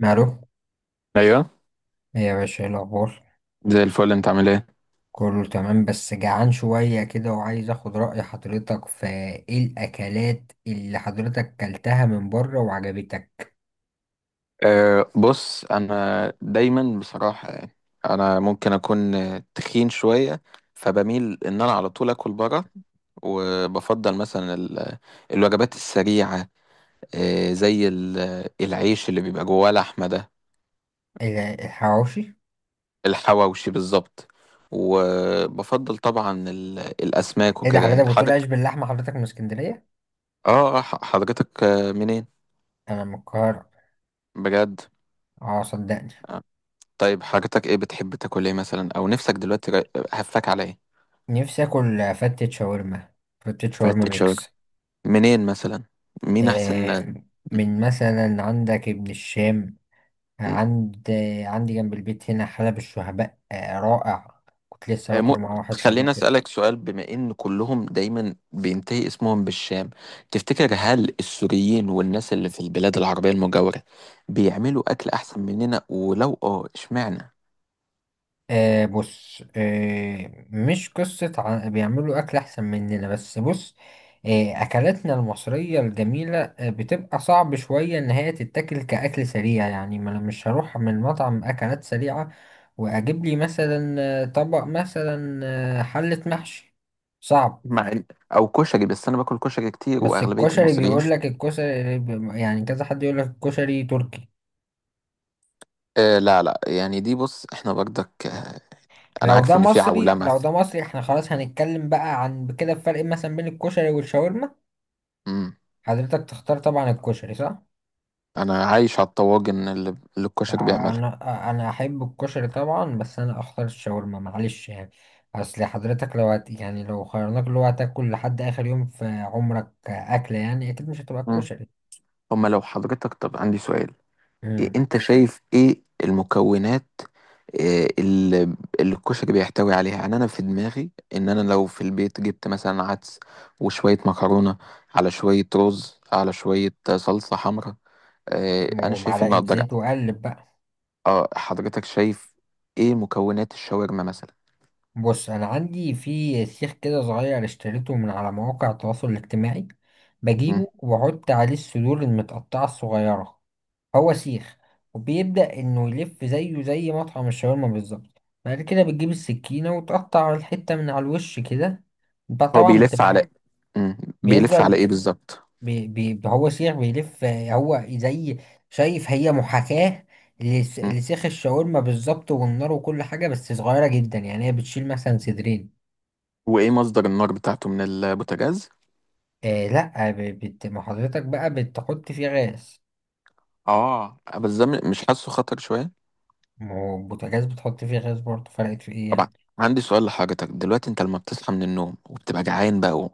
مالو؟ ايوه. ايه يا باشا، ايه الاخبار؟ زي الفل، انت عامل ايه؟ كله تمام، بس جعان شوية كده وعايز اخد رأي حضرتك في ايه الاكلات اللي حضرتك كلتها من بره وعجبتك. بص انا دايما بصراحه يعني انا ممكن اكون تخين شويه، فبميل ان انا على طول اكل بره. وبفضل مثلا الوجبات السريعه. زي العيش اللي بيبقى جواه لحمه ده. ال- الحواوشي. الحواوشي بالظبط. وبفضل طبعا الاسماك ايه ده؟ وكده حضرتك يعني بتقول عيش حضرتك. باللحمة، حضرتك من اسكندرية؟ اه، حضرتك منين؟ انا من القاهرة. بجد؟ اه صدقني، آه، طيب حضرتك، ايه بتحب تاكل ايه مثلا، او نفسك دلوقتي هفاك على ايه؟ نفسي اكل فتة شاورما، فتة شاورما فاتت شبكة. ميكس. منين مثلا؟ مين أحسن من مثلا عندك ابن الشام، م- عند عندي جنب البيت هنا حلب الشهباء، رائع. كنت لسه م- باكله مع واحد خليني صديقي. أسألك سؤال، بما إن كلهم دايما بينتهي اسمهم بالشام، تفتكر هل السوريين والناس اللي في البلاد العربية المجاورة بيعملوا أكل أحسن مننا؟ ولو إشمعنى؟ آه بص، آه مش قصة بيعملوا أكل أحسن مننا، بس بص. آه، أكلاتنا المصرية الجميلة آه بتبقى صعب شوية إن هي تتاكل كأكل سريع، يعني ما أنا مش هروح من مطعم أكلات سريعة وأجيب لي مثلا طبق مثلا، حلة محشي، صعب. مع إن- أو كشري، بس أنا باكل كشري كتير بس وأغلبية الكشري، المصريين. بيقول لك الكشري يعني كذا حد يقول لك الكشري تركي. لا لا، يعني دي بص، إحنا برضك أنا لو عارف ده إن في مصري، عولمة. لو ده مصري احنا خلاص هنتكلم بقى عن كده الفرق مثلا بين الكشري والشاورما. مم. حضرتك تختار طبعا الكشري، صح؟ أنا عايش على الطواجن اللي الكشري بيعملها. انا احب الكشري طبعا، بس انا اختار الشاورما، معلش يعني. اصل حضرتك لو هت يعني لو خيرناك اللي هو هتاكل لحد اخر يوم في عمرك اكله، يعني اكيد مش هتبقى مم. الكشري. هما لو حضرتك، طب عندي سؤال، إيه امم انت شايف ايه المكونات آه، اللي اللي الكشري بيحتوي عليها؟ يعني انا في دماغي ان انا لو في البيت جبت مثلا عدس وشوية مكرونة على شوية رز على شوية صلصة حمراء، انا شايف ان ومعلقه اقدر. زيت وقلب بقى. اه، حضرتك شايف ايه مكونات الشاورما مثلا؟ بص، انا عندي في سيخ كده صغير اشتريته من على مواقع التواصل الاجتماعي، مم. بجيبه واحط عليه الصدور المتقطعه الصغيره. هو سيخ وبيبدأ إنه يلف زيه زي مطعم الشاورما بالظبط، بعد كده بتجيب السكينة وتقطع الحتة من على الوش كده. بقى هو طبعا بيلف بتبقى على... مم. بيلف على بيفضل. ايه بالظبط؟ بي هو سيخ بيلف هو زي، شايف، هي محاكاة مم. لسيخ الشاورما بالظبط، والنار وكل حاجة، بس صغيرة جدا، يعني هي بتشيل مثلا صدرين. وايه مصدر النار بتاعته، من البوتاجاز؟ آه لا، ب- بت ما حضرتك بقى بتحط فيه غاز. اه، بس ده مش حاسه خطر شوية؟ ما هو البوتاجاز بتحط فيه غاز برضه، فرقت في ايه طبعا. يعني؟ عندي سؤال لحضرتك دلوقتي، انت لما بتصحى من النوم وبتبقى جعان بقى،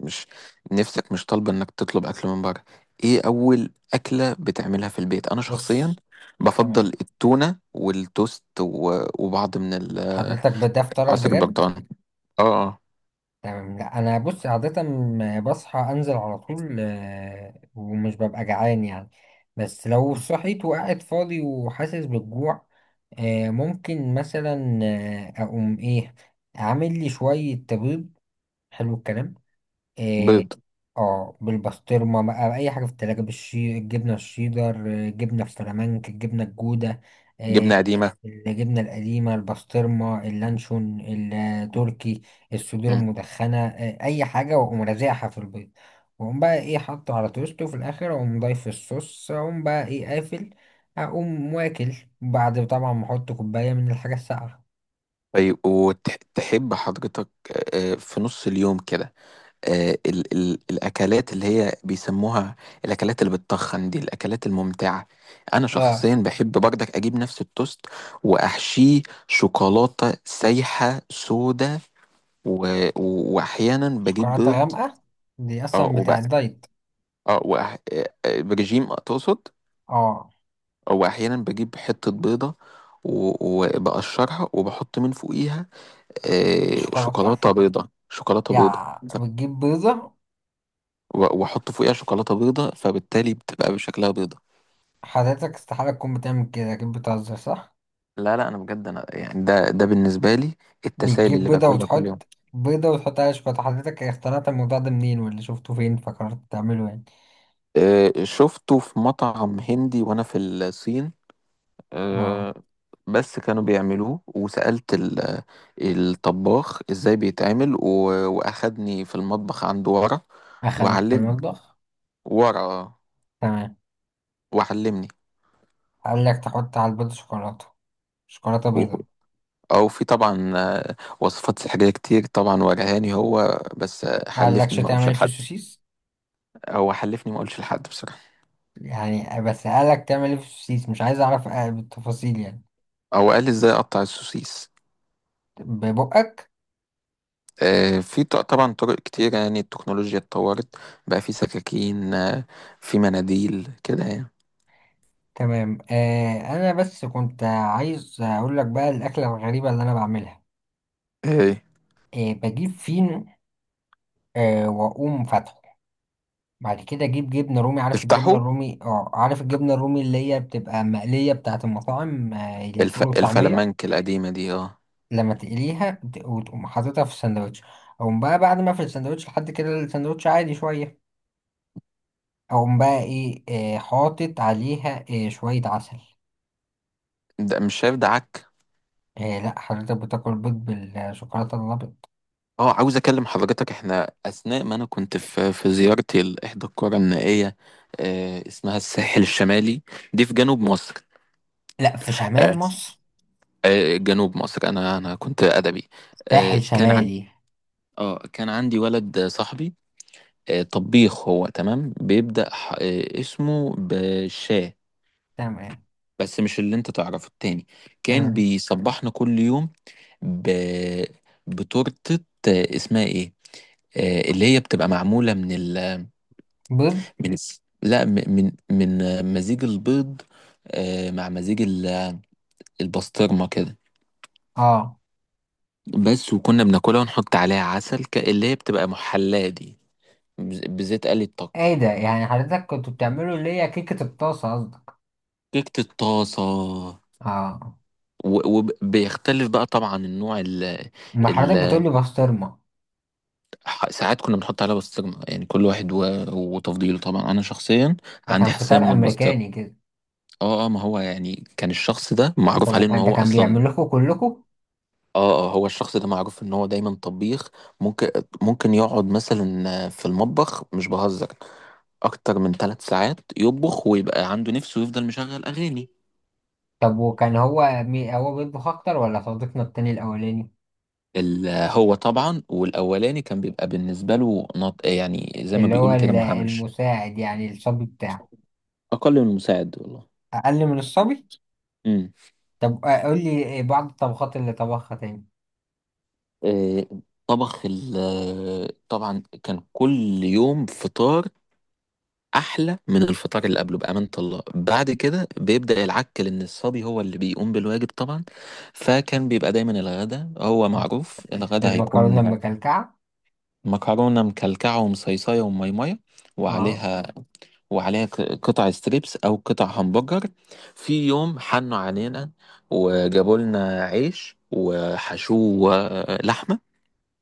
ومش نفسك مش طالبه انك تطلب اكل من بره، ايه اول اكله بتعملها في البيت؟ انا شخصيا بص، بفضل تمام. التونه والتوست وبعض من حضرتك بده فطارك عصير بجد. البرتقال. اه. تمام، لا انا بص عادة بصحى انزل على طول، ومش ببقى جعان يعني. بس لو آه. صحيت وقاعد فاضي وحاسس بالجوع، ممكن مثلا اقوم ايه، اعمل لي شوية بيض. حلو الكلام. آه، بيض. اه، بالبسطرمة بقى، أي حاجة في التلاجة، بالشي الجبنة الشيدر، جبنة السلامانك، الجبنة الجودة، آه، جبنه قديمه. الجبنة القديمة، البسطرمة، اللانشون التركي، الصدور مم. المدخنة، أي حاجة، وأقوم رازعها في البيض. وأقوم بقى إيه، حاطه على توست، وفي الآخر أقوم ضايف الصوص، أقوم بقى إيه، قافل. أقوم واكل، بعد طبعا ما أحط كوباية من الحاجة الساقعة. طيب، وتحب حضرتك في نص اليوم كده، ال ال الاكلات اللي هي بيسموها الاكلات اللي بتتخن دي، الاكلات الممتعه؟ انا شخصيا اه، بحب بردك اجيب نفس التوست واحشيه شوكولاته سايحه سودة، و... واحيانا بجيب شوكولاتة بيض. غامقة، دي اه، أصلا بتاع وبقى الدايت. اه وأح... آه، آه، برجيم تقصد. اه واحيانا بجيب حته بيضه وبقشرها وبحط من فوقيها شوكولاتة، شوكولاته بيضه، شوكولاته بيضه. يا ف- بتجيب بيضة؟ واحط فوقيها شوكولاته بيضه، فبالتالي بتبقى بشكلها بيضه. حضرتك استحالة تكون بتعمل كده، أكيد بتهزر، صح؟ لا لا، انا بجد انا يعني ده بالنسبه لي التسالي بتجيب اللي بيضة باكلها كل يوم. وتحط، بيضة وتحط عليها شوكولاتة؟ حضرتك اخترعت الموضوع ده منين؟ واللي شفته فين فكرت تعمله يعني؟ شفته في مطعم هندي وانا في الصين. اه، آه، بس كانوا بيعملوه، وسالت الطباخ ازاي بيتعمل، واخدني في المطبخ عنده ورا أخدك في وعلمني. المطبخ، ورا تمام. وعلمني. قال لك تحط على البيضة شوكولاتة، شوكولاتة هو- بيضة؟ او في طبعا وصفات سحريه كتير، طبعا ورهاني هو بس ما قالكش حلفني ما تعمل اقولش ايه في لحد. السوسيس؟ او حلفني ما اقولش لحد بصراحه. يعني بس قالك تعمل ايه في السوسيس، مش عايز أعرف بالتفاصيل يعني. او قال لي ازاي اقطع السوسيس. ببقك. طبعا طرق كتير، يعني التكنولوجيا اتطورت، بقى في سكاكين في مناديل كده يعني. تمام. آه أنا بس كنت عايز أقول لك بقى الأكلة الغريبة اللي أنا بعملها. ايه. إيه، بجيب فين، آه واقوم فاتحه، بعد كده اجيب جبنه رومي، عارف الجبنه افتحوا الرومي، اه عارف الجبنه الرومي اللي هي بتبقى مقليه بتاعه المطاعم آه الفول والطعميه. الفلامنك القديمة دي، اه. لما تقليها وتقوم حاططها في الساندوتش، اقوم بقى بعد ما في الساندوتش لحد كده الساندوتش عادي شويه، اقوم بقى ايه، آه حاطط عليها آه شويه عسل. ده مش شايف ده عك. آه لا، حضرتك بتاكل بيض بالشوكولاته الابيض. اه، عاوز اكلم حضرتك، احنا اثناء ما انا كنت في زيارتي لاحدى القرى النائية اسمها الساحل الشمالي، دي في جنوب مصر. لا، في شمال آه، مصر، جنوب مصر، انا كنت ادبي. ساحل كان عندي، شمالي. اه، كان عندي ولد صاحبي طبيخ، هو تمام، بيبدأ اسمه بشاه. تمام، بس مش اللي انت تعرفه التاني. كان تمام. بيصبحنا كل يوم ب... بتورتة اسمها ايه، اللي هي بتبقى معمولة من ال... بيض، من الس- لا، من مزيج البيض مع مزيج البسطرمة كده. اه. بس، وكنا بناكلها ونحط عليها عسل، اللي هي بتبقى محلاة دي، بزيت قلي ايه الطكي. ده؟ يعني حضرتك كنتوا بتعملوا اللي هي كيكة الطاسة قصدك؟ كيكة الطاسة. اه. وبيختلف بقى طبعا النوع ما حضرتك ال بتقولي بسطرمة، ساعات كنا بنحط عليها بسطرمة، يعني كل واحد وتفضيله. طبعا انا شخصيا ده عندي كان حساسية فطار من البسطرمة. امريكاني كده. اه اه، ما هو يعني كان الشخص ده معروف طب عليه ان وكان ده هو كان اصلا. بيعمل لكم كلكم؟ اه اه، هو الشخص ده معروف ان هو دايما طبيخ. ممكن ممكن يقعد مثلا في المطبخ، مش بهزر، اكتر من 3 ساعات يطبخ، ويبقى عنده نفسه ويفضل مشغل اغاني. طب وكان هو مي، هو بيطبخ اكتر ولا صديقنا التاني الاولاني؟ هو طبعا والاولاني كان بيبقى بالنسبه له يعني زي ما اللي هو بيقولوا كده، مهمش. المساعد يعني، الصبي بتاعه. أقل من المساعد والله. اقل من الصبي. امم. طب قول لي إيه بعض الطبخات اللي طبخها تاني. آه، طبخ ال آه، طبعا كان كل يوم فطار أحلى من الفطار اللي قبله، بأمانة الله. بعد كده بيبدأ العك، لأن الصبي هو اللي بيقوم بالواجب طبعا. فكان بيبقى دايما الغدا، هو معروف الغدا المكرونة هيكون المكلكعة. مكرونة مكلكعة ومصيصية وميمية، اه. وعليها وعليها قطع ستريبس او قطع همبرجر. في يوم حنوا علينا وجابوا لنا عيش وحشوه لحمه،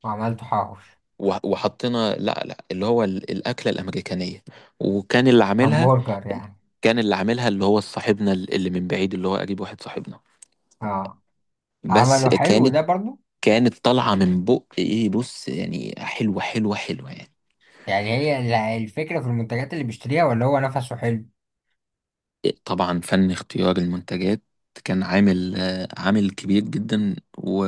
وعملت حواوش. وحطينا، لا لا، اللي هو الاكله الامريكانيه. وكان اللي عاملها همبرجر يعني. كان اللي عاملها اللي هو صاحبنا اللي من بعيد، اللي هو قريب واحد صاحبنا. اه، بس عمله حلو كانت ده برضو؟ كانت طالعه من بق، ايه بص، يعني حلوه حلوه حلوه يعني. يعني هي الفكرة في المنتجات اللي بيشتريها ولا هو نفسه حلو؟ طبعا فن اختيار المنتجات كان عامل كبير جدا،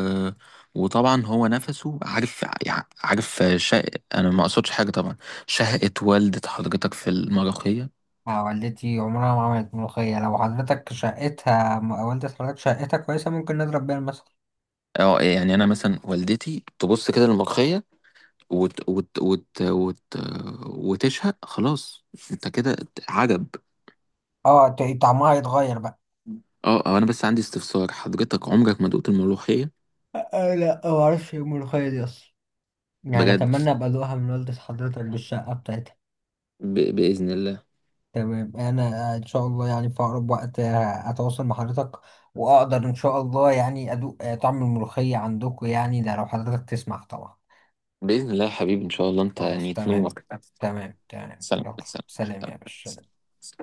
وطبعا هو نفسه عارف، انا ما اقصدش حاجه طبعا. شهقت والدة حضرتك في المرخيه. آه، والدتي عمرها ما عملت ملوخية، لو حضرتك شقتها والدة حضرتك شقتها كويسة، ممكن نضرب بيها المثل. اه، يعني انا مثلا والدتي تبص كده للمرخيه وت... وت... وت... وت... وتشهق، خلاص انت كده عجب. اه طعمها هيتغير بقى. اه، أو انا بس عندي استفسار، حضرتك عمرك ما دقت الملوخيه؟ آه لا، ما اعرفش ايه الملوخية دي اصلا، يعني بجد. اتمنى ابقى ادوقها من والدة حضرتك بالشقة بتاعتها. باذن الله. تمام، انا ان شاء الله يعني في اقرب وقت اتواصل مع حضرتك واقدر ان شاء الله يعني ادوق طعم الملوخية عندكم، يعني ده لو حضرتك تسمح طبعا. باذن الله يا حبيبي، ان شاء الله انت خلاص يعني تمام. تنور. تمام، سلام يلا. سلام. سلام يا باشا. سلام.